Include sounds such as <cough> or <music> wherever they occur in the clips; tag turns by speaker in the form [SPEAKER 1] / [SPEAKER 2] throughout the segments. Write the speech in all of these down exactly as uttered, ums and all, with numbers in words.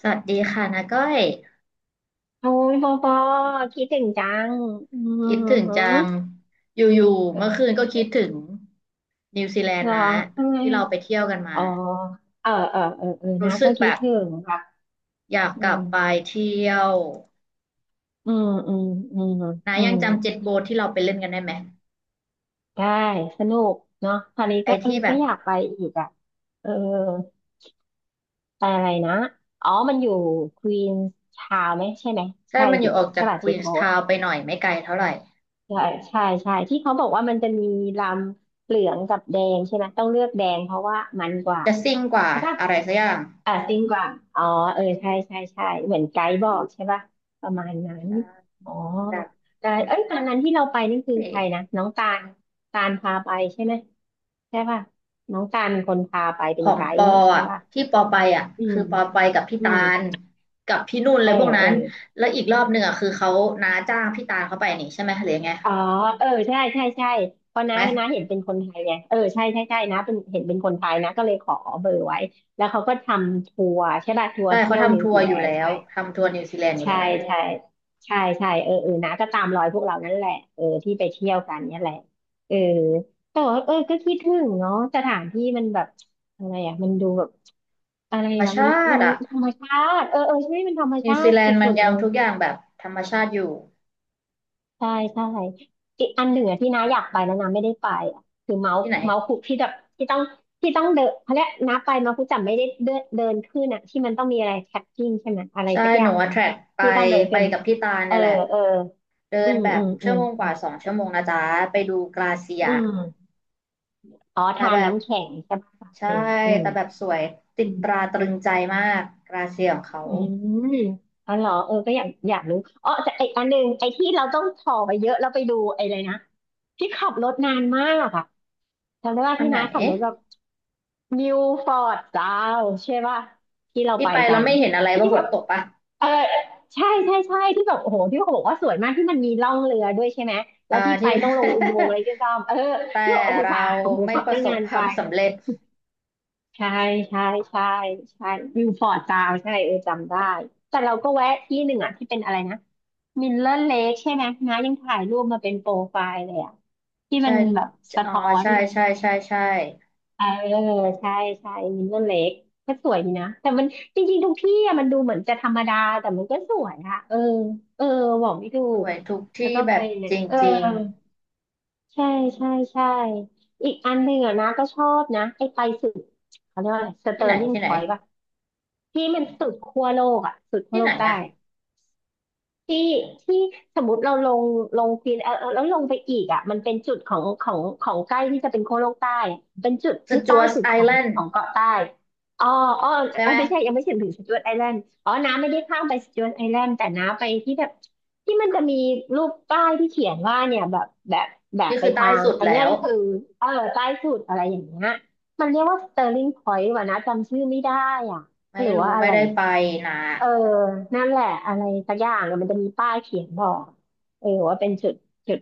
[SPEAKER 1] สวัสดีค่ะนาก้อย
[SPEAKER 2] โอ้ยปอปอคิดถึงจังอืม
[SPEAKER 1] คิดถึง
[SPEAKER 2] หือ
[SPEAKER 1] จังอยู่ๆเมื่อคืนก็คิดถึงนิวซีแลน
[SPEAKER 2] เหร
[SPEAKER 1] ด์
[SPEAKER 2] อ
[SPEAKER 1] นะ
[SPEAKER 2] ทำไม
[SPEAKER 1] ที่เราไปเที่ยวกันมา
[SPEAKER 2] อ๋อเออเออเออเออนะ
[SPEAKER 1] รู้สึ
[SPEAKER 2] ก็
[SPEAKER 1] กแบ
[SPEAKER 2] คิด
[SPEAKER 1] บ
[SPEAKER 2] ถึงค่ะ
[SPEAKER 1] อยาก
[SPEAKER 2] อื
[SPEAKER 1] กลั
[SPEAKER 2] ม
[SPEAKER 1] บไปเที่ยว
[SPEAKER 2] อืมอืมอืม
[SPEAKER 1] นา
[SPEAKER 2] อื
[SPEAKER 1] ยัง
[SPEAKER 2] ม
[SPEAKER 1] จำเจ็ตโบ๊ทที่เราไปเล่นกันได้ไหม
[SPEAKER 2] ได้สนุกเนาะตอนนี้
[SPEAKER 1] ไอ้
[SPEAKER 2] ก็เออ
[SPEAKER 1] ที่แบ
[SPEAKER 2] ก็
[SPEAKER 1] บ
[SPEAKER 2] อยากไปอีกอ่ะเออไปอะไรนะอ๋อมันอยู่ควีนชาวไหมใช่ไหม
[SPEAKER 1] ถ้า
[SPEAKER 2] ใช่
[SPEAKER 1] มันอ
[SPEAKER 2] สิ
[SPEAKER 1] ยู่ออก
[SPEAKER 2] ใช่
[SPEAKER 1] จาก
[SPEAKER 2] ป่ะ
[SPEAKER 1] ค
[SPEAKER 2] เจ็
[SPEAKER 1] วี
[SPEAKER 2] ต
[SPEAKER 1] นส์
[SPEAKER 2] โบ๊ท
[SPEAKER 1] ทาวน์ไปหน่อยไม่ไกลเท่าไหร่
[SPEAKER 2] ใช่ใช่ใช่ที่เขาบอกว่ามันจะมีลำเหลืองกับแดงใช่ไหมต้องเลือกแดงเพราะว่ามันกว่า
[SPEAKER 1] จะซิ่งกว่า
[SPEAKER 2] ใช่ป่ะ
[SPEAKER 1] อะไรสักอย่าง
[SPEAKER 2] อ่าซิ่งกว่างอ๋อเออใช่ใช่ใช่เหมือนไกด์บอกใช่ป่ะประมาณนั้นอ๋อ
[SPEAKER 1] ใช่แบ
[SPEAKER 2] แต่เอ้ยตอนนั้นที่เราไปนี่คือใครนะ
[SPEAKER 1] บ
[SPEAKER 2] น้องตาลตาลพาไปใช่ไหมใช่ป่ะน้องตาลเป็นคนพาไป
[SPEAKER 1] ข
[SPEAKER 2] เป็น
[SPEAKER 1] อง
[SPEAKER 2] ไก
[SPEAKER 1] ป
[SPEAKER 2] ด์
[SPEAKER 1] อ
[SPEAKER 2] นี่ใช่
[SPEAKER 1] อ่ะ
[SPEAKER 2] ป่ะ
[SPEAKER 1] ที่ปอไปอ่ะ
[SPEAKER 2] อืม
[SPEAKER 1] คือปอไปกับพี่
[SPEAKER 2] อื
[SPEAKER 1] ตา
[SPEAKER 2] ม
[SPEAKER 1] ลกับพี่นุ่น
[SPEAKER 2] เอ
[SPEAKER 1] เล
[SPEAKER 2] อ
[SPEAKER 1] ยพวกนั้
[SPEAKER 2] เออ
[SPEAKER 1] นแล้วอีกรอบหนึ่งอ่ะคือเขาน้าจ้างพี่ตาลเขาไปนี่ใช่ไหมหรือยังไง
[SPEAKER 2] อ๋อเออใช่ใช่ใช่เพราะ
[SPEAKER 1] ถูกไห
[SPEAKER 2] น้า
[SPEAKER 1] ม
[SPEAKER 2] น้าเห็นเป็นคนไทยไงเออใช่ใช่ใช่นะเป็นเห็นเป็นคนไทยนะก็เลยขอเบอร์ไว้แล้วเขาก็ทำทัวร์ใช่ป่ะทัว
[SPEAKER 1] ใช่
[SPEAKER 2] ร์เที่
[SPEAKER 1] เขา
[SPEAKER 2] ยวนิ
[SPEAKER 1] ทำ
[SPEAKER 2] ว
[SPEAKER 1] ทัว
[SPEAKER 2] ซี
[SPEAKER 1] ร์อ
[SPEAKER 2] แล
[SPEAKER 1] ยู่
[SPEAKER 2] น
[SPEAKER 1] แล้
[SPEAKER 2] ด์ใช่
[SPEAKER 1] วทำทัวร์นิวซีแลนด์อยู่
[SPEAKER 2] ใช่
[SPEAKER 1] แล้ว
[SPEAKER 2] ใช่ใช่ใช่เออเออนะก็ตามรอยพวกเรานั่นแหละเออที่ไปเที่ยวกันเนี่ยแหละเออแต่ว่าเออก็คิดถึงเนาะสถานที่มันแบบอะไรอ่ะมันดูแบบอะไร
[SPEAKER 1] ธรรม
[SPEAKER 2] อ่ะมัน
[SPEAKER 1] ชา
[SPEAKER 2] มั
[SPEAKER 1] ติ
[SPEAKER 2] น
[SPEAKER 1] อ่ะ
[SPEAKER 2] ธรรมชาติเออเออใช่มันธรรม
[SPEAKER 1] นิว
[SPEAKER 2] ชา
[SPEAKER 1] ซี
[SPEAKER 2] ติ
[SPEAKER 1] แล
[SPEAKER 2] ส
[SPEAKER 1] นด์มั
[SPEAKER 2] ุ
[SPEAKER 1] น
[SPEAKER 2] ดๆ
[SPEAKER 1] ยั
[SPEAKER 2] เล
[SPEAKER 1] ง
[SPEAKER 2] ย
[SPEAKER 1] ทุกอย่างแบบธรรมชาติอยู่
[SPEAKER 2] ใช่ใช่อีกอันหนึ่งอะที่น้าอยากไปแล้วน้าไม่ได้ไปอะคือเมาส์
[SPEAKER 1] ที่ไหน
[SPEAKER 2] เมาส์คุกที่แบบที่ต้องที่ต้องเดินเขาเรียกน้าไปเมาส์คุกจำไม่ได้เดินเดินขึ้นอะที่มันต้องมีอะไรแท็กกิ้งใช่ไหมอะไร
[SPEAKER 1] ใช่
[SPEAKER 2] สักอ
[SPEAKER 1] หนู
[SPEAKER 2] ย่าง
[SPEAKER 1] อะ
[SPEAKER 2] เนี่
[SPEAKER 1] แท
[SPEAKER 2] ย
[SPEAKER 1] ร็กไป
[SPEAKER 2] ที่ต้องเดิน
[SPEAKER 1] ไป
[SPEAKER 2] เป็น
[SPEAKER 1] กับพี่ตาล
[SPEAKER 2] เอ
[SPEAKER 1] เนี่
[SPEAKER 2] อ
[SPEAKER 1] ยแหละ
[SPEAKER 2] เออ
[SPEAKER 1] เดิ
[SPEAKER 2] อื
[SPEAKER 1] น
[SPEAKER 2] ม
[SPEAKER 1] แบ
[SPEAKER 2] อื
[SPEAKER 1] บ
[SPEAKER 2] มอื
[SPEAKER 1] ชั่ว
[SPEAKER 2] ม
[SPEAKER 1] โมงก
[SPEAKER 2] อืม
[SPEAKER 1] ว่าสองชั่วโมงนะจ๊ะไปดูกลาเซีย
[SPEAKER 2] อืมอ๋อ
[SPEAKER 1] แต่
[SPEAKER 2] ทาน
[SPEAKER 1] แบบ
[SPEAKER 2] น้ำแข็งใช่ปะปะ
[SPEAKER 1] ใช่
[SPEAKER 2] เทียมอืม
[SPEAKER 1] แต่แบบสวยติดตราตรึงใจมากกราเซียของเขา
[SPEAKER 2] อืมเอาเหรอเออก็อยากอยากรู้อ๋อแต่ไออันหนึ่งไอที่เราต้องถ่อไปเยอะเราไปดูไออะไรนะที่ขับรถนานมากอะจำได้ว่า
[SPEAKER 1] อัน
[SPEAKER 2] ที่
[SPEAKER 1] ไหน
[SPEAKER 2] น้าขับรถแบบนิวฟอร์ดซาวใช่ป่ะที่เรา
[SPEAKER 1] ที่
[SPEAKER 2] ไป
[SPEAKER 1] ไป
[SPEAKER 2] กั
[SPEAKER 1] เรา
[SPEAKER 2] น
[SPEAKER 1] ไม่เห็นอะไรเพ
[SPEAKER 2] ที่
[SPEAKER 1] ราะฝ
[SPEAKER 2] แบ
[SPEAKER 1] น
[SPEAKER 2] บ
[SPEAKER 1] ตกปะ
[SPEAKER 2] เออใช่ใช่ใช่ที่แบบโอ้โหที่เขาบอกว่าสวยมากที่มันมีล่องเรือด้วยใช่ไหมแล้
[SPEAKER 1] อ่า
[SPEAKER 2] วที่ไป
[SPEAKER 1] ที่
[SPEAKER 2] ต้องลงอุโมงค์อะไรก็ตามเออ
[SPEAKER 1] <laughs> แต่
[SPEAKER 2] ที่บอกโอ้โห
[SPEAKER 1] เรา
[SPEAKER 2] ทานโอ้โห
[SPEAKER 1] ไม่
[SPEAKER 2] ขับ
[SPEAKER 1] ประ
[SPEAKER 2] ตั้ง
[SPEAKER 1] สบ
[SPEAKER 2] นาน
[SPEAKER 1] ค
[SPEAKER 2] ไป
[SPEAKER 1] วามสำเร็จ
[SPEAKER 2] ใช่ใช่ใช่ใช่วิวฟอร์ดจาวใช่เออจำได้แต่เราก็แวะที่หนึ่งอ่ะที่เป็นอะไรนะมิลเลอร์เลคใช่ไหมนะยังถ่ายรูปมาเป็นโปรไฟล์เลยอ่ะที่มั
[SPEAKER 1] ใช่
[SPEAKER 2] นแบบสะ
[SPEAKER 1] อ๋อ
[SPEAKER 2] ท้อน
[SPEAKER 1] ใช่ใช่ใช่ใช่
[SPEAKER 2] เออใช่ใช่มิลเลอร์เลคก็สวยดีนะแต่มันจริงๆทุกที่อ่ะมันดูเหมือนจะธรรมดาแต่มันก็สวยอะเออเออบอกไม่ถู
[SPEAKER 1] ส
[SPEAKER 2] ก
[SPEAKER 1] วยทุก
[SPEAKER 2] แล้ว
[SPEAKER 1] ที่
[SPEAKER 2] ก็
[SPEAKER 1] แบ
[SPEAKER 2] ไป
[SPEAKER 1] บ
[SPEAKER 2] เนี่
[SPEAKER 1] จ
[SPEAKER 2] ยเออ
[SPEAKER 1] ริง
[SPEAKER 2] ใช่ใช่ใช่อีกอันหนึ่งอ่ะนะก็ชอบนะไอ้ไปสุดเขาเรียกว่าอะไรส
[SPEAKER 1] ๆ
[SPEAKER 2] เต
[SPEAKER 1] ที่
[SPEAKER 2] อ
[SPEAKER 1] ไหน
[SPEAKER 2] ร์ลิง
[SPEAKER 1] ที่
[SPEAKER 2] พ
[SPEAKER 1] ไหน
[SPEAKER 2] อยต์ป่ะ ที่มันสุดขั้วโลกอ่ะสุดขั้ว
[SPEAKER 1] ที่
[SPEAKER 2] โล
[SPEAKER 1] ไหน
[SPEAKER 2] กใต้
[SPEAKER 1] อะ
[SPEAKER 2] ที่ที่สมมติเราลงลงฟินเออเออแล้วลงไปอีกอ่ะมันเป็นจุดของของของใกล้ที่จะเป็นขั้วโลกใต้อะเป็นจุด
[SPEAKER 1] ส
[SPEAKER 2] ที่
[SPEAKER 1] จ๊
[SPEAKER 2] ใต้
[SPEAKER 1] วต
[SPEAKER 2] สุด
[SPEAKER 1] ไอ
[SPEAKER 2] ของ
[SPEAKER 1] แลน
[SPEAKER 2] ข
[SPEAKER 1] ด์
[SPEAKER 2] องเกาะใต้อ๋ออ๋อ
[SPEAKER 1] ใช่
[SPEAKER 2] เอ
[SPEAKER 1] ไห
[SPEAKER 2] อ
[SPEAKER 1] ม
[SPEAKER 2] ไม่ใช่ ยังไม่ถึงถึงสจ๊วตไอแลนด์อ๋อน้าไม่ได้ข้ามไปสจ๊วตไอแลนด์แต่น้าไปที่แบบที่มันจะมีรูปป้ายที่เขียนว่าเนี่ยแบบแบบแบบ
[SPEAKER 1] นี่
[SPEAKER 2] ไป
[SPEAKER 1] คือใต้
[SPEAKER 2] ทาง
[SPEAKER 1] สุด
[SPEAKER 2] อันเนี้
[SPEAKER 1] แล้
[SPEAKER 2] ย
[SPEAKER 1] ว
[SPEAKER 2] ก็คือเออใต้สุดอะไรอย่างเงี้ยมันเรียกว่าสเตอร์ลิงพอยต์ว่ะนะจำชื่อไม่ได้อ่ะห
[SPEAKER 1] ไม่
[SPEAKER 2] รือว่า
[SPEAKER 1] รู้
[SPEAKER 2] อะ
[SPEAKER 1] ไม่
[SPEAKER 2] ไร
[SPEAKER 1] ได้ไปนะ
[SPEAKER 2] เออนั่นแหละอะไรสักอย่างเนี่ยมันจะมีป้ายเขียนบอกเออว่าเป็นจุดจุด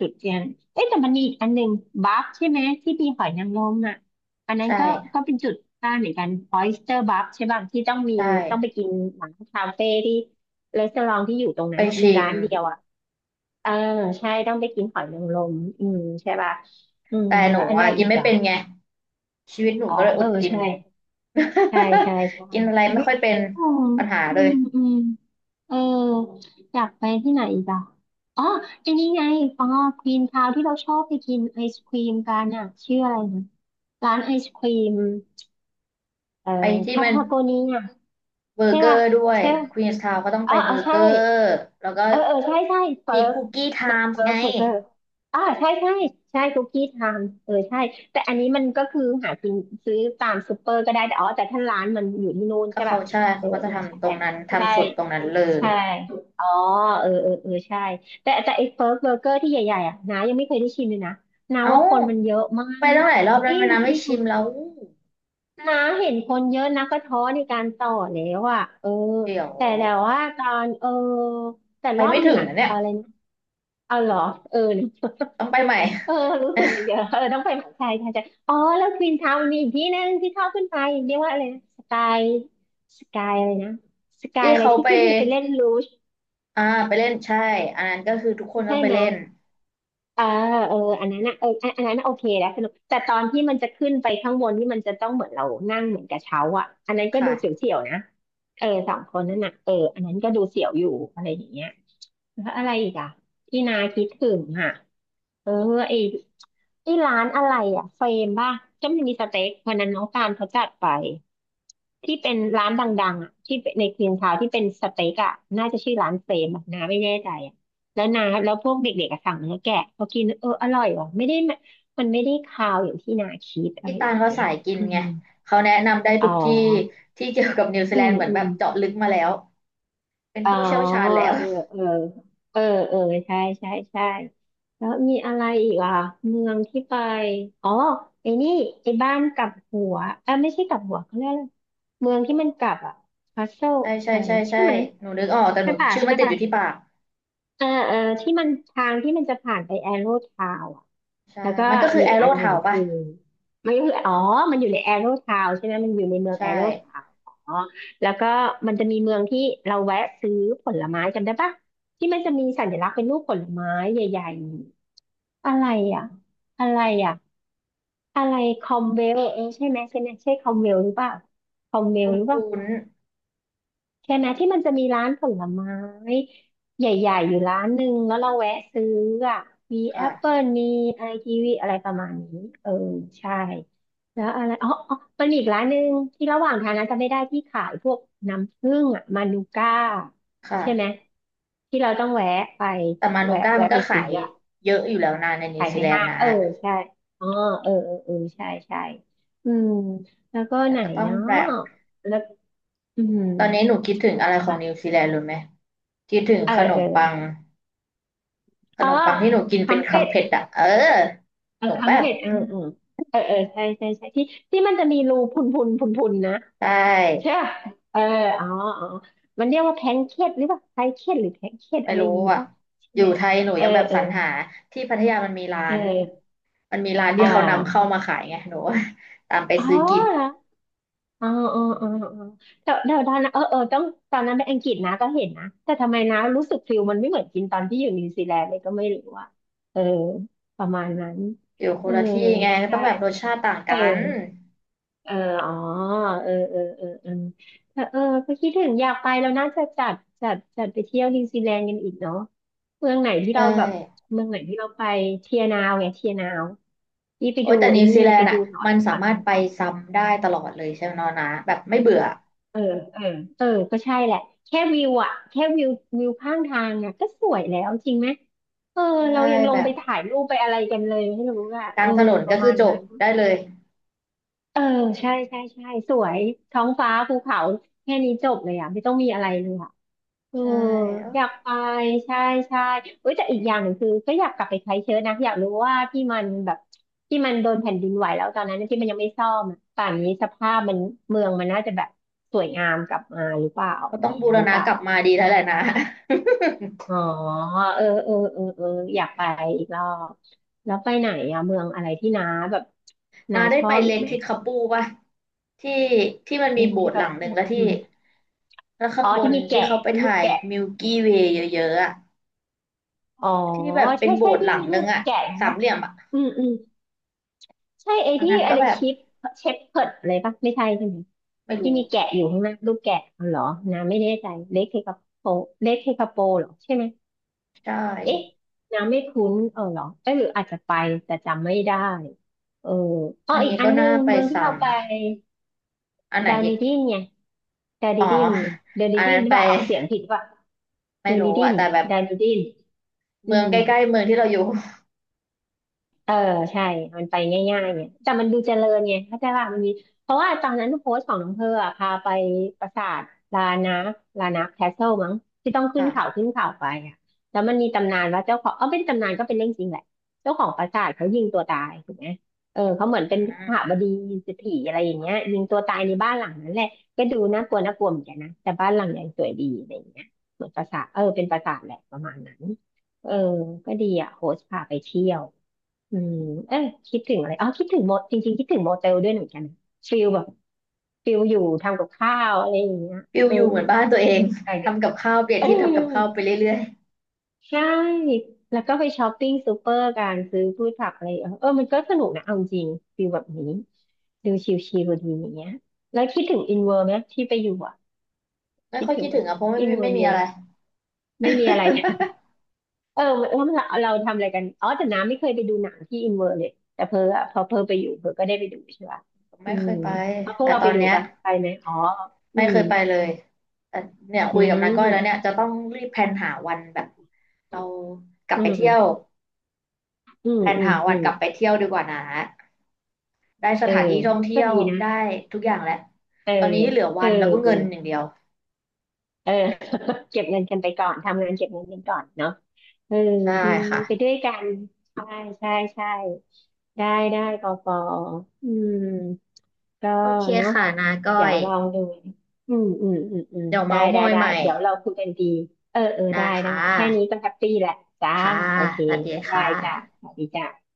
[SPEAKER 2] จุดเทียนเอ๊ะแต่มันมีอีกอันหนึ่งบัฟใช่ไหมที่มีหอยนางรมอ่ะอันนั้น
[SPEAKER 1] ใช่
[SPEAKER 2] ก็ก็เป็นจุดได้เหมือนกันออยสเตอร์บัฟใช่ป่ะที่ต้องมี
[SPEAKER 1] ใช่
[SPEAKER 2] ต้องไปกินร้านคาเฟ่ที่รีสอร์ทที่อยู่ตรง
[SPEAKER 1] ไป
[SPEAKER 2] นั้นน่ะมี
[SPEAKER 1] ชิ
[SPEAKER 2] ร้า
[SPEAKER 1] ม
[SPEAKER 2] นเดียวอ่ะเออใช่ต้องไปกินหอยนางรมอืมใช่ป่ะอืม
[SPEAKER 1] แต่ห
[SPEAKER 2] แล้
[SPEAKER 1] นู
[SPEAKER 2] วอันอะ
[SPEAKER 1] อะ
[SPEAKER 2] ไร
[SPEAKER 1] กิ
[SPEAKER 2] อี
[SPEAKER 1] น
[SPEAKER 2] ก
[SPEAKER 1] ไม่
[SPEAKER 2] อ่ะ
[SPEAKER 1] เป็นไงชีวิตหนู
[SPEAKER 2] อ๋อ
[SPEAKER 1] ก็เลยอ
[SPEAKER 2] เออ
[SPEAKER 1] ดกิน
[SPEAKER 2] ใช่ใช่ใช่ใช่
[SPEAKER 1] <laughs> กินอะไร
[SPEAKER 2] อุ๊
[SPEAKER 1] ไม่
[SPEAKER 2] ย
[SPEAKER 1] ค่อยเป็น
[SPEAKER 2] อ๋อ
[SPEAKER 1] ปัญหา
[SPEAKER 2] อื
[SPEAKER 1] เลย
[SPEAKER 2] มอืม เอออยากไปที่ไหนอีกอ่ะอ๋อไอันนี้ไงอ๋อควีนทาวที่เราชอบไปกินไอศครีมกันอ่ะชื่ออะไรนะร้านไอศครีมเอ่อ
[SPEAKER 1] ไปที่
[SPEAKER 2] คา
[SPEAKER 1] มัน
[SPEAKER 2] ทาโกเนีย
[SPEAKER 1] เบอร์
[SPEAKER 2] ใช่
[SPEAKER 1] เกอ
[SPEAKER 2] ป่ะ
[SPEAKER 1] ร์ด้วย
[SPEAKER 2] ใช่ป่ะ
[SPEAKER 1] ควีนส์ทาวน์ก็ต้อง
[SPEAKER 2] อ๋
[SPEAKER 1] ไป
[SPEAKER 2] อ
[SPEAKER 1] เบ
[SPEAKER 2] อ๋อ
[SPEAKER 1] อร์เก
[SPEAKER 2] ใช่
[SPEAKER 1] อร์แล้วก็
[SPEAKER 2] เออเออใช่ใช่เฟิ
[SPEAKER 1] มี
[SPEAKER 2] ร์ก
[SPEAKER 1] คุกกี้ไท
[SPEAKER 2] เฟิร์ก
[SPEAKER 1] ม์
[SPEAKER 2] เฟิร์
[SPEAKER 1] ไง
[SPEAKER 2] กเบอร์เกอร์อ่าใช่ใช่ใช่คุกกี้ทำเออใช่แต่อันนี้มันก็คือหากินซื้อตามซูเปอร์ก็ได้แต่อ๋อแต่ถ้าร้านมันอยู่ที่นู่น
[SPEAKER 1] ก็
[SPEAKER 2] ใช่
[SPEAKER 1] เขา
[SPEAKER 2] ป่ะ
[SPEAKER 1] ใช่
[SPEAKER 2] เอ
[SPEAKER 1] เขา
[SPEAKER 2] อ
[SPEAKER 1] ก็จะ
[SPEAKER 2] เออใช่
[SPEAKER 1] ทำตรงนั้น
[SPEAKER 2] ใช่
[SPEAKER 1] ทำสดตรงนั้นเลย
[SPEAKER 2] ใช่ อ๋อเออเออเออใช่ แต่แต่ไอ้เฟิร์กเบอร์เกอร์ที่ใหญ่ๆอ่ะนายังไม่เคยได้ชิมเลยนะนา
[SPEAKER 1] เอ้า
[SPEAKER 2] ว่าคนมันเยอะมา
[SPEAKER 1] ไปตั้ง
[SPEAKER 2] ก
[SPEAKER 1] หลายรอบ
[SPEAKER 2] จ
[SPEAKER 1] แล้ว
[SPEAKER 2] ริ
[SPEAKER 1] มั
[SPEAKER 2] ง
[SPEAKER 1] นนะ
[SPEAKER 2] จ
[SPEAKER 1] ไม่
[SPEAKER 2] ริง
[SPEAKER 1] ชิมแล้ว
[SPEAKER 2] นาเห็นคนเยอะนะก็ท้อในการต่อแล้วอ่ะเออ
[SPEAKER 1] เดี๋ยว
[SPEAKER 2] แต่แต่ว่าตอนเออ แต่
[SPEAKER 1] ไป
[SPEAKER 2] รอบ
[SPEAKER 1] ไม่
[SPEAKER 2] หนึ่
[SPEAKER 1] ถึ
[SPEAKER 2] ง
[SPEAKER 1] ง
[SPEAKER 2] อ่ะ
[SPEAKER 1] นะเนี่ย
[SPEAKER 2] อะไรนะเอาเหรอเออ
[SPEAKER 1] ต้องไปใหม่
[SPEAKER 2] เออรู้สึกมันเยอะเออต้องไปหาใครใช่ใช่อ๋อแล้วควีนทาวน์มีอีกที่นึงที่เข้าขึ้นไปเรียกว่าอะไรนะสกายสกายอะไรนะส
[SPEAKER 1] <laughs>
[SPEAKER 2] กาย
[SPEAKER 1] ที่
[SPEAKER 2] อะไร
[SPEAKER 1] เขา
[SPEAKER 2] ที่
[SPEAKER 1] ไป
[SPEAKER 2] ขึ้นไปเล่นรูช
[SPEAKER 1] อ่าไปเล่นใช่อันนั้นก็คือทุกคนต้อ
[SPEAKER 2] ใช่
[SPEAKER 1] งไป
[SPEAKER 2] ไหม
[SPEAKER 1] เล่น
[SPEAKER 2] อ่าเอออันนั้นนะเอออันอันนั้นน่ะโอเคแล้วสนุกแต่ตอนที่มันจะขึ้นไปข้างบนที่มันจะต้องเหมือนเรานั่งเหมือนกระเช้าอ่ะอันนั้นก็ดูเส
[SPEAKER 1] ค่ะ
[SPEAKER 2] ียวๆนะเออสองคนนั่นน่ะเอออันนั้นก็ดูเสียวอยู่อะไรอย่างเงี้ยแล้วอะไรอีกอ่ะที่นาคิดถึงอ่ะเออไอ้ที่ร้านอะไรอ่ะเฟรมป่ะก็มันมีสเต็กวันนั้นน้องการเขาจัดไป ที่เป็นร้านดังๆอ่ะที่ในคลีนทาวนที่เป็นสเต็กอ่ะน่าจะชื่อร้านเฟรมอะนะไม่แน่ใจอ่ะแล้วนบแล้วพวกเด็กๆอะสั่งเนื้อแกะพอกินเอออร่อยว่ะไม่ได้มมันไม่ได้คาวอย่างที่นาคิดอะ
[SPEAKER 1] พี่
[SPEAKER 2] ไร
[SPEAKER 1] ตา
[SPEAKER 2] อ
[SPEAKER 1] ล
[SPEAKER 2] ย่าง
[SPEAKER 1] เขา
[SPEAKER 2] เงี้
[SPEAKER 1] สา
[SPEAKER 2] ย
[SPEAKER 1] ยกิน
[SPEAKER 2] อื
[SPEAKER 1] ไง
[SPEAKER 2] ม
[SPEAKER 1] เขาแนะนำได้
[SPEAKER 2] อ๋
[SPEAKER 1] ทุ
[SPEAKER 2] อ
[SPEAKER 1] กที่ที่เกี่ยวกับนิวซี
[SPEAKER 2] อื
[SPEAKER 1] แลน
[SPEAKER 2] ม
[SPEAKER 1] ด์เหมือน
[SPEAKER 2] อื
[SPEAKER 1] แบ
[SPEAKER 2] ม
[SPEAKER 1] บเจาะลึกมาแล้วเป็น
[SPEAKER 2] อ๋อ
[SPEAKER 1] ผู้เชี่ยวชาญแล้ว
[SPEAKER 2] เออเออเออเออใช่ใช่ใช่แล้วมีอะไรอีกอ่ะเมืองที่ไปอ๋อไอ้นี่ไอ้บ้านกลับหัวอ่ะไม่ใช่กลับหัวเขาเรียกอะไรเมืองที่มันกลับอ่ะคาสเซิล
[SPEAKER 1] ใช่ใช่
[SPEAKER 2] อะไร
[SPEAKER 1] ใช่
[SPEAKER 2] ใช่
[SPEAKER 1] ใช่
[SPEAKER 2] ไหม
[SPEAKER 1] หนูนึกออกแต่ห
[SPEAKER 2] ใช่
[SPEAKER 1] นู
[SPEAKER 2] ป่ะ
[SPEAKER 1] ชื่อมั
[SPEAKER 2] ใช่
[SPEAKER 1] นติดอ
[SPEAKER 2] ป่ะ
[SPEAKER 1] ยู่ที่ปาก
[SPEAKER 2] เออเออที่มันทางที่มันจะผ่านไปแอโรทาวอ่ะ
[SPEAKER 1] ใช่
[SPEAKER 2] แล้วก็
[SPEAKER 1] มันก็คื
[SPEAKER 2] มี
[SPEAKER 1] อแอ
[SPEAKER 2] อีก
[SPEAKER 1] โร่
[SPEAKER 2] อันหนึ่
[SPEAKER 1] เทา
[SPEAKER 2] ง
[SPEAKER 1] ป่ะ
[SPEAKER 2] คือมันก็คืออ๋อมันอยู่ในแอโรทาวใช่ไหมมันอยู่ในเมือง
[SPEAKER 1] ใช่
[SPEAKER 2] แอโรทาวอ๋อแล้วก็มันจะมีเมืองที่เราแวะซื้อผลไม้จำได้ปะที่มันจะมีสัญลักษณ์เป็นรูปผลไม้ใหญ่ๆอะไรอ่ะอะไรอ่ะอะไรคอมเวลเออใช่ไหมใช่ไหมใช่คอมเวลหรือเปล่าคอมเวล
[SPEAKER 1] คุ้น
[SPEAKER 2] หรือเปล่า
[SPEAKER 1] คุ้น
[SPEAKER 2] ใช่ไหมที่มันจะมีร้านผลไม้ใหญ่ๆอยู่ร้านหนึ่งแล้วเราแวะซื้ออ่ะมีแอปเปิล
[SPEAKER 1] ค่ะ
[SPEAKER 2] มีไอกีวีอะไรประมาณนี้เออใช่แล้วอะไรอ๋ออ๋อมันมีอีกร้านหนึ่งที่ระหว่างทางนั้นจะไม่ได้ที่ขายพวกน้ำผึ้งอ่ะมานูก้าใช่ไหม
[SPEAKER 1] ค่ะ
[SPEAKER 2] ที่เราต้องแวะไป
[SPEAKER 1] แต่มานู
[SPEAKER 2] แวะ
[SPEAKER 1] ก้า
[SPEAKER 2] แวะ
[SPEAKER 1] มัน
[SPEAKER 2] ไป
[SPEAKER 1] ก็ขา
[SPEAKER 2] ซื้อ
[SPEAKER 1] ย
[SPEAKER 2] อ่ะ
[SPEAKER 1] เยอะอยู่แล้วนะในนิ
[SPEAKER 2] ขา
[SPEAKER 1] ว
[SPEAKER 2] ย
[SPEAKER 1] ซี
[SPEAKER 2] ใน
[SPEAKER 1] แลน
[SPEAKER 2] ห้า
[SPEAKER 1] ด์
[SPEAKER 2] ง
[SPEAKER 1] นะ
[SPEAKER 2] เออใช่อ๋อเออเออเออใช่ใช่อืมแล้วก็
[SPEAKER 1] แต่
[SPEAKER 2] ไหน
[SPEAKER 1] ก็ต้อง
[SPEAKER 2] เนาะ
[SPEAKER 1] แบบ
[SPEAKER 2] แล้วอืม
[SPEAKER 1] ตอนนี้หนูคิดถึงอะไรของนิวซีแลนด์รู้ไหมคิดถึง
[SPEAKER 2] เออ
[SPEAKER 1] ขน
[SPEAKER 2] เอ
[SPEAKER 1] ม
[SPEAKER 2] อ
[SPEAKER 1] ปัง ข
[SPEAKER 2] เอ
[SPEAKER 1] น
[SPEAKER 2] อ
[SPEAKER 1] มปังที่หนูกิน
[SPEAKER 2] คั
[SPEAKER 1] เป็น
[SPEAKER 2] มเป็
[SPEAKER 1] คำ
[SPEAKER 2] ด
[SPEAKER 1] เผ็ดอะ เออ
[SPEAKER 2] เออ
[SPEAKER 1] หนู
[SPEAKER 2] คั
[SPEAKER 1] แบ
[SPEAKER 2] ม
[SPEAKER 1] บ
[SPEAKER 2] เป็ดเออเออเออเออใช่ใช่ใช่ที่ที่มันจะมีรูพุนพุนพุนพุนนะ
[SPEAKER 1] ใช
[SPEAKER 2] ใช่
[SPEAKER 1] ่
[SPEAKER 2] ปะเอออ๋ออ๋อมันเรียกว่าแพนเค้กหรือเปล่าไพเค้กหรือแพนเค้ก
[SPEAKER 1] ไม่
[SPEAKER 2] อะไรอ
[SPEAKER 1] รู้
[SPEAKER 2] ย่างงี้
[SPEAKER 1] อ่ะ
[SPEAKER 2] ป่ะใช่
[SPEAKER 1] อยู่
[SPEAKER 2] ไหม
[SPEAKER 1] ไทยหนู
[SPEAKER 2] เออ
[SPEAKER 1] ยังแบบ
[SPEAKER 2] เอ
[SPEAKER 1] ส
[SPEAKER 2] อ
[SPEAKER 1] รรหาที่พัทยามันมีร้า
[SPEAKER 2] เอ
[SPEAKER 1] น
[SPEAKER 2] อ
[SPEAKER 1] มันมีร้าน
[SPEAKER 2] อ่
[SPEAKER 1] ที่เขานำเข้า
[SPEAKER 2] า
[SPEAKER 1] มาขายไงหนู <laughs> ตามไป
[SPEAKER 2] อ๋อ
[SPEAKER 1] ซื้อกิน
[SPEAKER 2] เหรออ๋ออ๋ออ๋ออ๋อเดี๋ยวเดี๋ยวตอนนั้นเออเออต้องตอนนั้นไปอังกฤษนะก็เห็นนะแต่ทำไมนะรู้สึกฟิลมันไม่เหมือนกินตอนที่อยู่นิวซีแลนด์เลยก็ไม่รู้ว่าเออประมาณนั้น
[SPEAKER 1] อยู่ค
[SPEAKER 2] เออ
[SPEAKER 1] นละที่ไงก็ต้
[SPEAKER 2] ใช่
[SPEAKER 1] องแบบรสชาติต่าง
[SPEAKER 2] เออ
[SPEAKER 1] กัน
[SPEAKER 2] เอออ๋อเออเออเออเออแต่เออก็คิดถึงอยากไปแล้วน่าจะจัดจัดจัดไปเที่ยวนิวซีแลนด์กันอีกเนาะเมืองไหนที่
[SPEAKER 1] ใช่
[SPEAKER 2] เราแบบเมืองไหนที่เราไปเทียนาวไงเทียนาวนี่ไป
[SPEAKER 1] โอ้
[SPEAKER 2] ดู
[SPEAKER 1] ยแต่
[SPEAKER 2] ไอ้
[SPEAKER 1] นิว
[SPEAKER 2] นี่
[SPEAKER 1] ซีแล
[SPEAKER 2] ไป
[SPEAKER 1] นด์
[SPEAKER 2] ดู
[SPEAKER 1] อ่ะ
[SPEAKER 2] หนอ
[SPEAKER 1] มั
[SPEAKER 2] น
[SPEAKER 1] นสา
[SPEAKER 2] หัน
[SPEAKER 1] มารถไปซ้ำได้ตลอดเลยใช่ไหมน้องนะแบบไม่เบื่อ
[SPEAKER 2] เออเออเออก็ใช่แหละแค่วิวอะแค่วิววิวข้างทางอะก็สวยแล้วจริงไหมเออเรา
[SPEAKER 1] ใช่
[SPEAKER 2] ยังล
[SPEAKER 1] แบ
[SPEAKER 2] งไป
[SPEAKER 1] บ
[SPEAKER 2] ถ่ายรูปไปอะไรกันเลยไม่รู้อะ
[SPEAKER 1] ก
[SPEAKER 2] เอ
[SPEAKER 1] ลาง
[SPEAKER 2] อ
[SPEAKER 1] ถนน
[SPEAKER 2] ป
[SPEAKER 1] ก็
[SPEAKER 2] ระ
[SPEAKER 1] คื
[SPEAKER 2] มา
[SPEAKER 1] อ
[SPEAKER 2] ณ
[SPEAKER 1] จบ
[SPEAKER 2] นั้น
[SPEAKER 1] ได้เลย
[SPEAKER 2] เออใช่ใช่ใช่สวยท้องฟ้าภูเขาแค่นี้จบเลยอ่ะไม่ต้องมีอะไรเลยอ่ะเออ
[SPEAKER 1] ใช่เอ้า
[SPEAKER 2] อยากไปใช่ใช่เอ้ยแต่อีกอย่างหนึ่งคือก็อยากกลับไปไครสต์เชิร์ชนะอยากรู้ว่าที่มันแบบที่มันโดนแผ่นดินไหวแล้วตอนนั้นที่มันยังไม่ซ่อมอะป่านนี้สภาพมันเมืองมันน่าจะแบบสวยงามกลับมาหรือเปล่าอ
[SPEAKER 1] เขา
[SPEAKER 2] ย่าง
[SPEAKER 1] ต้อง
[SPEAKER 2] นี้
[SPEAKER 1] บู
[SPEAKER 2] ห
[SPEAKER 1] ร
[SPEAKER 2] รือเป
[SPEAKER 1] ณะ
[SPEAKER 2] ล่า
[SPEAKER 1] กลับมาดีแล้วแหละนะ
[SPEAKER 2] อ๋อเออเออเออเอออยากไปอีกรอบแล้วไปไหนอะเมืองอะไรที่น้าแบบ
[SPEAKER 1] นา
[SPEAKER 2] น้า
[SPEAKER 1] ได้
[SPEAKER 2] ชอ
[SPEAKER 1] ไป
[SPEAKER 2] บอี
[SPEAKER 1] เล็
[SPEAKER 2] ก
[SPEAKER 1] ก
[SPEAKER 2] ไหม
[SPEAKER 1] ที่คาปูป่ะที่ที่มันมี
[SPEAKER 2] ที่
[SPEAKER 1] โบส
[SPEAKER 2] ที่
[SPEAKER 1] ถ์ห
[SPEAKER 2] กั
[SPEAKER 1] ลั
[SPEAKER 2] บ
[SPEAKER 1] งหนึ่งแล้วที่
[SPEAKER 2] อืม
[SPEAKER 1] แล้วข้าง
[SPEAKER 2] อ๋อ
[SPEAKER 1] บ
[SPEAKER 2] ที่
[SPEAKER 1] น
[SPEAKER 2] มี
[SPEAKER 1] ที่
[SPEAKER 2] แกะ
[SPEAKER 1] เขาไป
[SPEAKER 2] รูป
[SPEAKER 1] ถ่าย
[SPEAKER 2] แกะ
[SPEAKER 1] มิลกี้เวย์เยอะๆอะ
[SPEAKER 2] อ๋อ
[SPEAKER 1] ที่แบบเป็น
[SPEAKER 2] ใช่
[SPEAKER 1] โบ
[SPEAKER 2] ใช่
[SPEAKER 1] สถ์ห
[SPEAKER 2] ที่
[SPEAKER 1] ลัง
[SPEAKER 2] มี
[SPEAKER 1] ห
[SPEAKER 2] รู
[SPEAKER 1] นึ่ง
[SPEAKER 2] ป
[SPEAKER 1] อะ
[SPEAKER 2] แกะ
[SPEAKER 1] สาม
[SPEAKER 2] นะ
[SPEAKER 1] เหลี่ยมอะ
[SPEAKER 2] อืมอืมใช่ไอ้
[SPEAKER 1] อัน
[SPEAKER 2] ที่
[SPEAKER 1] นั้น
[SPEAKER 2] อะ
[SPEAKER 1] ก็
[SPEAKER 2] ไร
[SPEAKER 1] แบบ
[SPEAKER 2] ชิปเชฟเพิร์ดอะไรปะไม่ใช่ใช่ไหม
[SPEAKER 1] ไม่
[SPEAKER 2] ที่
[SPEAKER 1] รู้
[SPEAKER 2] มีแกะอยู่ข้างหน้ารูปแกะอ๋อเหรอน้ำไม่แน่ใจเล็กเทคาโปเล็กเทคาโปเหรอใช่ไหม
[SPEAKER 1] ใช่
[SPEAKER 2] เอ๊ะน้ำไม่คุ้นเออเหรอเอ๊ะหรืออาจจะไปแต่จำไม่ได้เอออ๋อ
[SPEAKER 1] อัน
[SPEAKER 2] อีก
[SPEAKER 1] นี้
[SPEAKER 2] อั
[SPEAKER 1] ก็
[SPEAKER 2] นนึ
[SPEAKER 1] น่า
[SPEAKER 2] ง
[SPEAKER 1] ไป
[SPEAKER 2] เมืองที่
[SPEAKER 1] ซ้
[SPEAKER 2] เราไป
[SPEAKER 1] ำอันไหน
[SPEAKER 2] ดา
[SPEAKER 1] อี
[SPEAKER 2] นิ
[SPEAKER 1] ก
[SPEAKER 2] ดินไงดา
[SPEAKER 1] อ๋
[SPEAKER 2] นิ
[SPEAKER 1] อ
[SPEAKER 2] ดินไงดานิ
[SPEAKER 1] อัน
[SPEAKER 2] ดิน
[SPEAKER 1] นั้น
[SPEAKER 2] หรือ
[SPEAKER 1] ไป
[SPEAKER 2] เปล่าออกเสียงผิดว่า
[SPEAKER 1] ไม่
[SPEAKER 2] ดา
[SPEAKER 1] รู้
[SPEAKER 2] นิดิ
[SPEAKER 1] อะ
[SPEAKER 2] น
[SPEAKER 1] แต่แบบ
[SPEAKER 2] ดานิดินอื
[SPEAKER 1] เมือง
[SPEAKER 2] ม
[SPEAKER 1] ใกล้ๆเมืองที่เราอยู่
[SPEAKER 2] เออใช่ มันไปง่ายๆเนี่ยแต่มันดูเจริญไงเข้าใจว่ามันมีเพราะว่าตอนนั้นโพสต์ของน้องเพอร์อะพาไปปราสาทลานาลานาแคสเซิลมั้งที่ต้องขึ้นเขา
[SPEAKER 1] ค่ะ
[SPEAKER 2] ขึ้นเขาไปอ่ะแล้วมันมีตำนานว่าเจ้าของเออไม่ได้ตำนานก็เป็นเรื่องจริงแหละ เจ้าของปราสาทเขายิงตัวตายถูกไหมเออเขาเห
[SPEAKER 1] อื
[SPEAKER 2] มือนเป็นขหบ
[SPEAKER 1] ม
[SPEAKER 2] ดีเศรษฐีอะไรอย่างเงี้ยยิงตัวตายในบ้านหลังนั้นแหละก็ดูน่ากลัวน่ากลัวเหมือนกันนะแต่บ้านหลังใหญ่สวยดีอะไรอย่างเงี้ยเหมือนปราสาทเออเป็นปราสาทแหละประมาณนั้นเออก็ดีอ่ะโฮสพาไปเที่ยว อืมเออคิดถึงอะไรอ๋อคิดถึงโมจริงๆคิดถึงโมเตลด้วยเหมือนกันนะฟิลแบบฟิลอยู่ทำกับข้าวอะไรอย่างเงี้ย
[SPEAKER 1] ฟิล
[SPEAKER 2] เออ
[SPEAKER 1] อยู่เหมือนบ้านตัวเอง
[SPEAKER 2] ไปเลย
[SPEAKER 1] ทำกับข้าวเปลี่ย
[SPEAKER 2] <laughs>
[SPEAKER 1] น
[SPEAKER 2] เอ
[SPEAKER 1] ที่ทำกับข้าว
[SPEAKER 2] อ
[SPEAKER 1] ไปเรื่อย
[SPEAKER 2] ใช่แล้วก็ไปช้อปปิ้งซูเปอร์การซื้อพืชผักอะไรเออเออมันก็สนุกนะเอาจริงฟิลแบบนี้ดูชิลๆดีอย่างเงี้ยแล้วคิดถึงอินเวอร์ไหมที่ไปอยู่อ่ะ
[SPEAKER 1] ๆไม่
[SPEAKER 2] คิด
[SPEAKER 1] ค่อย
[SPEAKER 2] ถึ
[SPEAKER 1] คิ
[SPEAKER 2] ง
[SPEAKER 1] ด
[SPEAKER 2] ไหม
[SPEAKER 1] ถึงอะเพราะไม่
[SPEAKER 2] อิน
[SPEAKER 1] ไม่
[SPEAKER 2] เวอ
[SPEAKER 1] ไม่
[SPEAKER 2] ร์มี
[SPEAKER 1] มี
[SPEAKER 2] อะ
[SPEAKER 1] อะ
[SPEAKER 2] ไร
[SPEAKER 1] ไร
[SPEAKER 2] ไม่มีอะไร
[SPEAKER 1] <laughs>
[SPEAKER 2] เออเออเราเราทำอะไรกันอ๋อแต่น้ำไม่เคยไปดูหนังที่อินเวอร์เลยแต่เพออะพอเพอไปอยู่เพอก็ได้ไปดูใช่ป่ะอื
[SPEAKER 1] ไม่เค
[SPEAKER 2] ม
[SPEAKER 1] ยไป
[SPEAKER 2] เอาพวก
[SPEAKER 1] แต่
[SPEAKER 2] เรา
[SPEAKER 1] ต
[SPEAKER 2] ไป
[SPEAKER 1] อน
[SPEAKER 2] ดู
[SPEAKER 1] เนี้ย
[SPEAKER 2] ป่ะไปไหมอ๋ออื
[SPEAKER 1] ไม่เค
[SPEAKER 2] ม
[SPEAKER 1] ยไปเลยแต่เนี่ย
[SPEAKER 2] อื
[SPEAKER 1] คุยกับนาก้อยแล้วเนี่ย
[SPEAKER 2] ม
[SPEAKER 1] จะต้องรีบแพลนหาวันแบบเรากลับ
[SPEAKER 2] อื
[SPEAKER 1] ไปเที่ยว
[SPEAKER 2] มอืม
[SPEAKER 1] แพลน
[SPEAKER 2] อืม
[SPEAKER 1] หาวั
[SPEAKER 2] อื
[SPEAKER 1] น
[SPEAKER 2] ม
[SPEAKER 1] กลับไปเที่ยวดีกว่านะได้ส
[SPEAKER 2] เออ
[SPEAKER 1] ถานที่ท่องเที่
[SPEAKER 2] ก็
[SPEAKER 1] ยว
[SPEAKER 2] ดีนะ
[SPEAKER 1] ได้ทุกอย่างแล้ว
[SPEAKER 2] เออ
[SPEAKER 1] ตอนนี้เหลือ
[SPEAKER 2] เอ
[SPEAKER 1] วั
[SPEAKER 2] อ
[SPEAKER 1] นแล้วก็
[SPEAKER 2] เออ
[SPEAKER 1] เงินอย่างเดียว
[SPEAKER 2] เออ <laughs> เก็บเงินกันไปก่อน ทำงานเก็บเงินกันก่อนเนาะเออ
[SPEAKER 1] ได้
[SPEAKER 2] ดีไปด้
[SPEAKER 1] ค่ะ
[SPEAKER 2] วยกัน ใช่ใช่ใช่ได้ได้ปอปออืมก็
[SPEAKER 1] โอเค
[SPEAKER 2] เนาะ
[SPEAKER 1] ค่ะนาก้อ
[SPEAKER 2] เดี๋ยว
[SPEAKER 1] ย
[SPEAKER 2] ลองดู อืมอืมอืมอืม
[SPEAKER 1] เดี๋ยว
[SPEAKER 2] ได้
[SPEAKER 1] เมาส์ม
[SPEAKER 2] ได้
[SPEAKER 1] อย
[SPEAKER 2] ได้
[SPEAKER 1] ใหม่
[SPEAKER 2] เดี๋ยวเราคุยกันดี เออเออ
[SPEAKER 1] ได้
[SPEAKER 2] ได้ได้
[SPEAKER 1] ค่ะ
[SPEAKER 2] แค่นี้ก็แฮปปี้แหละจ้า
[SPEAKER 1] ค่ะ
[SPEAKER 2] โอเค
[SPEAKER 1] สวัสดี
[SPEAKER 2] บ๊าย
[SPEAKER 1] ค่
[SPEAKER 2] บายจ้า
[SPEAKER 1] ะ
[SPEAKER 2] สวัสดีจ้า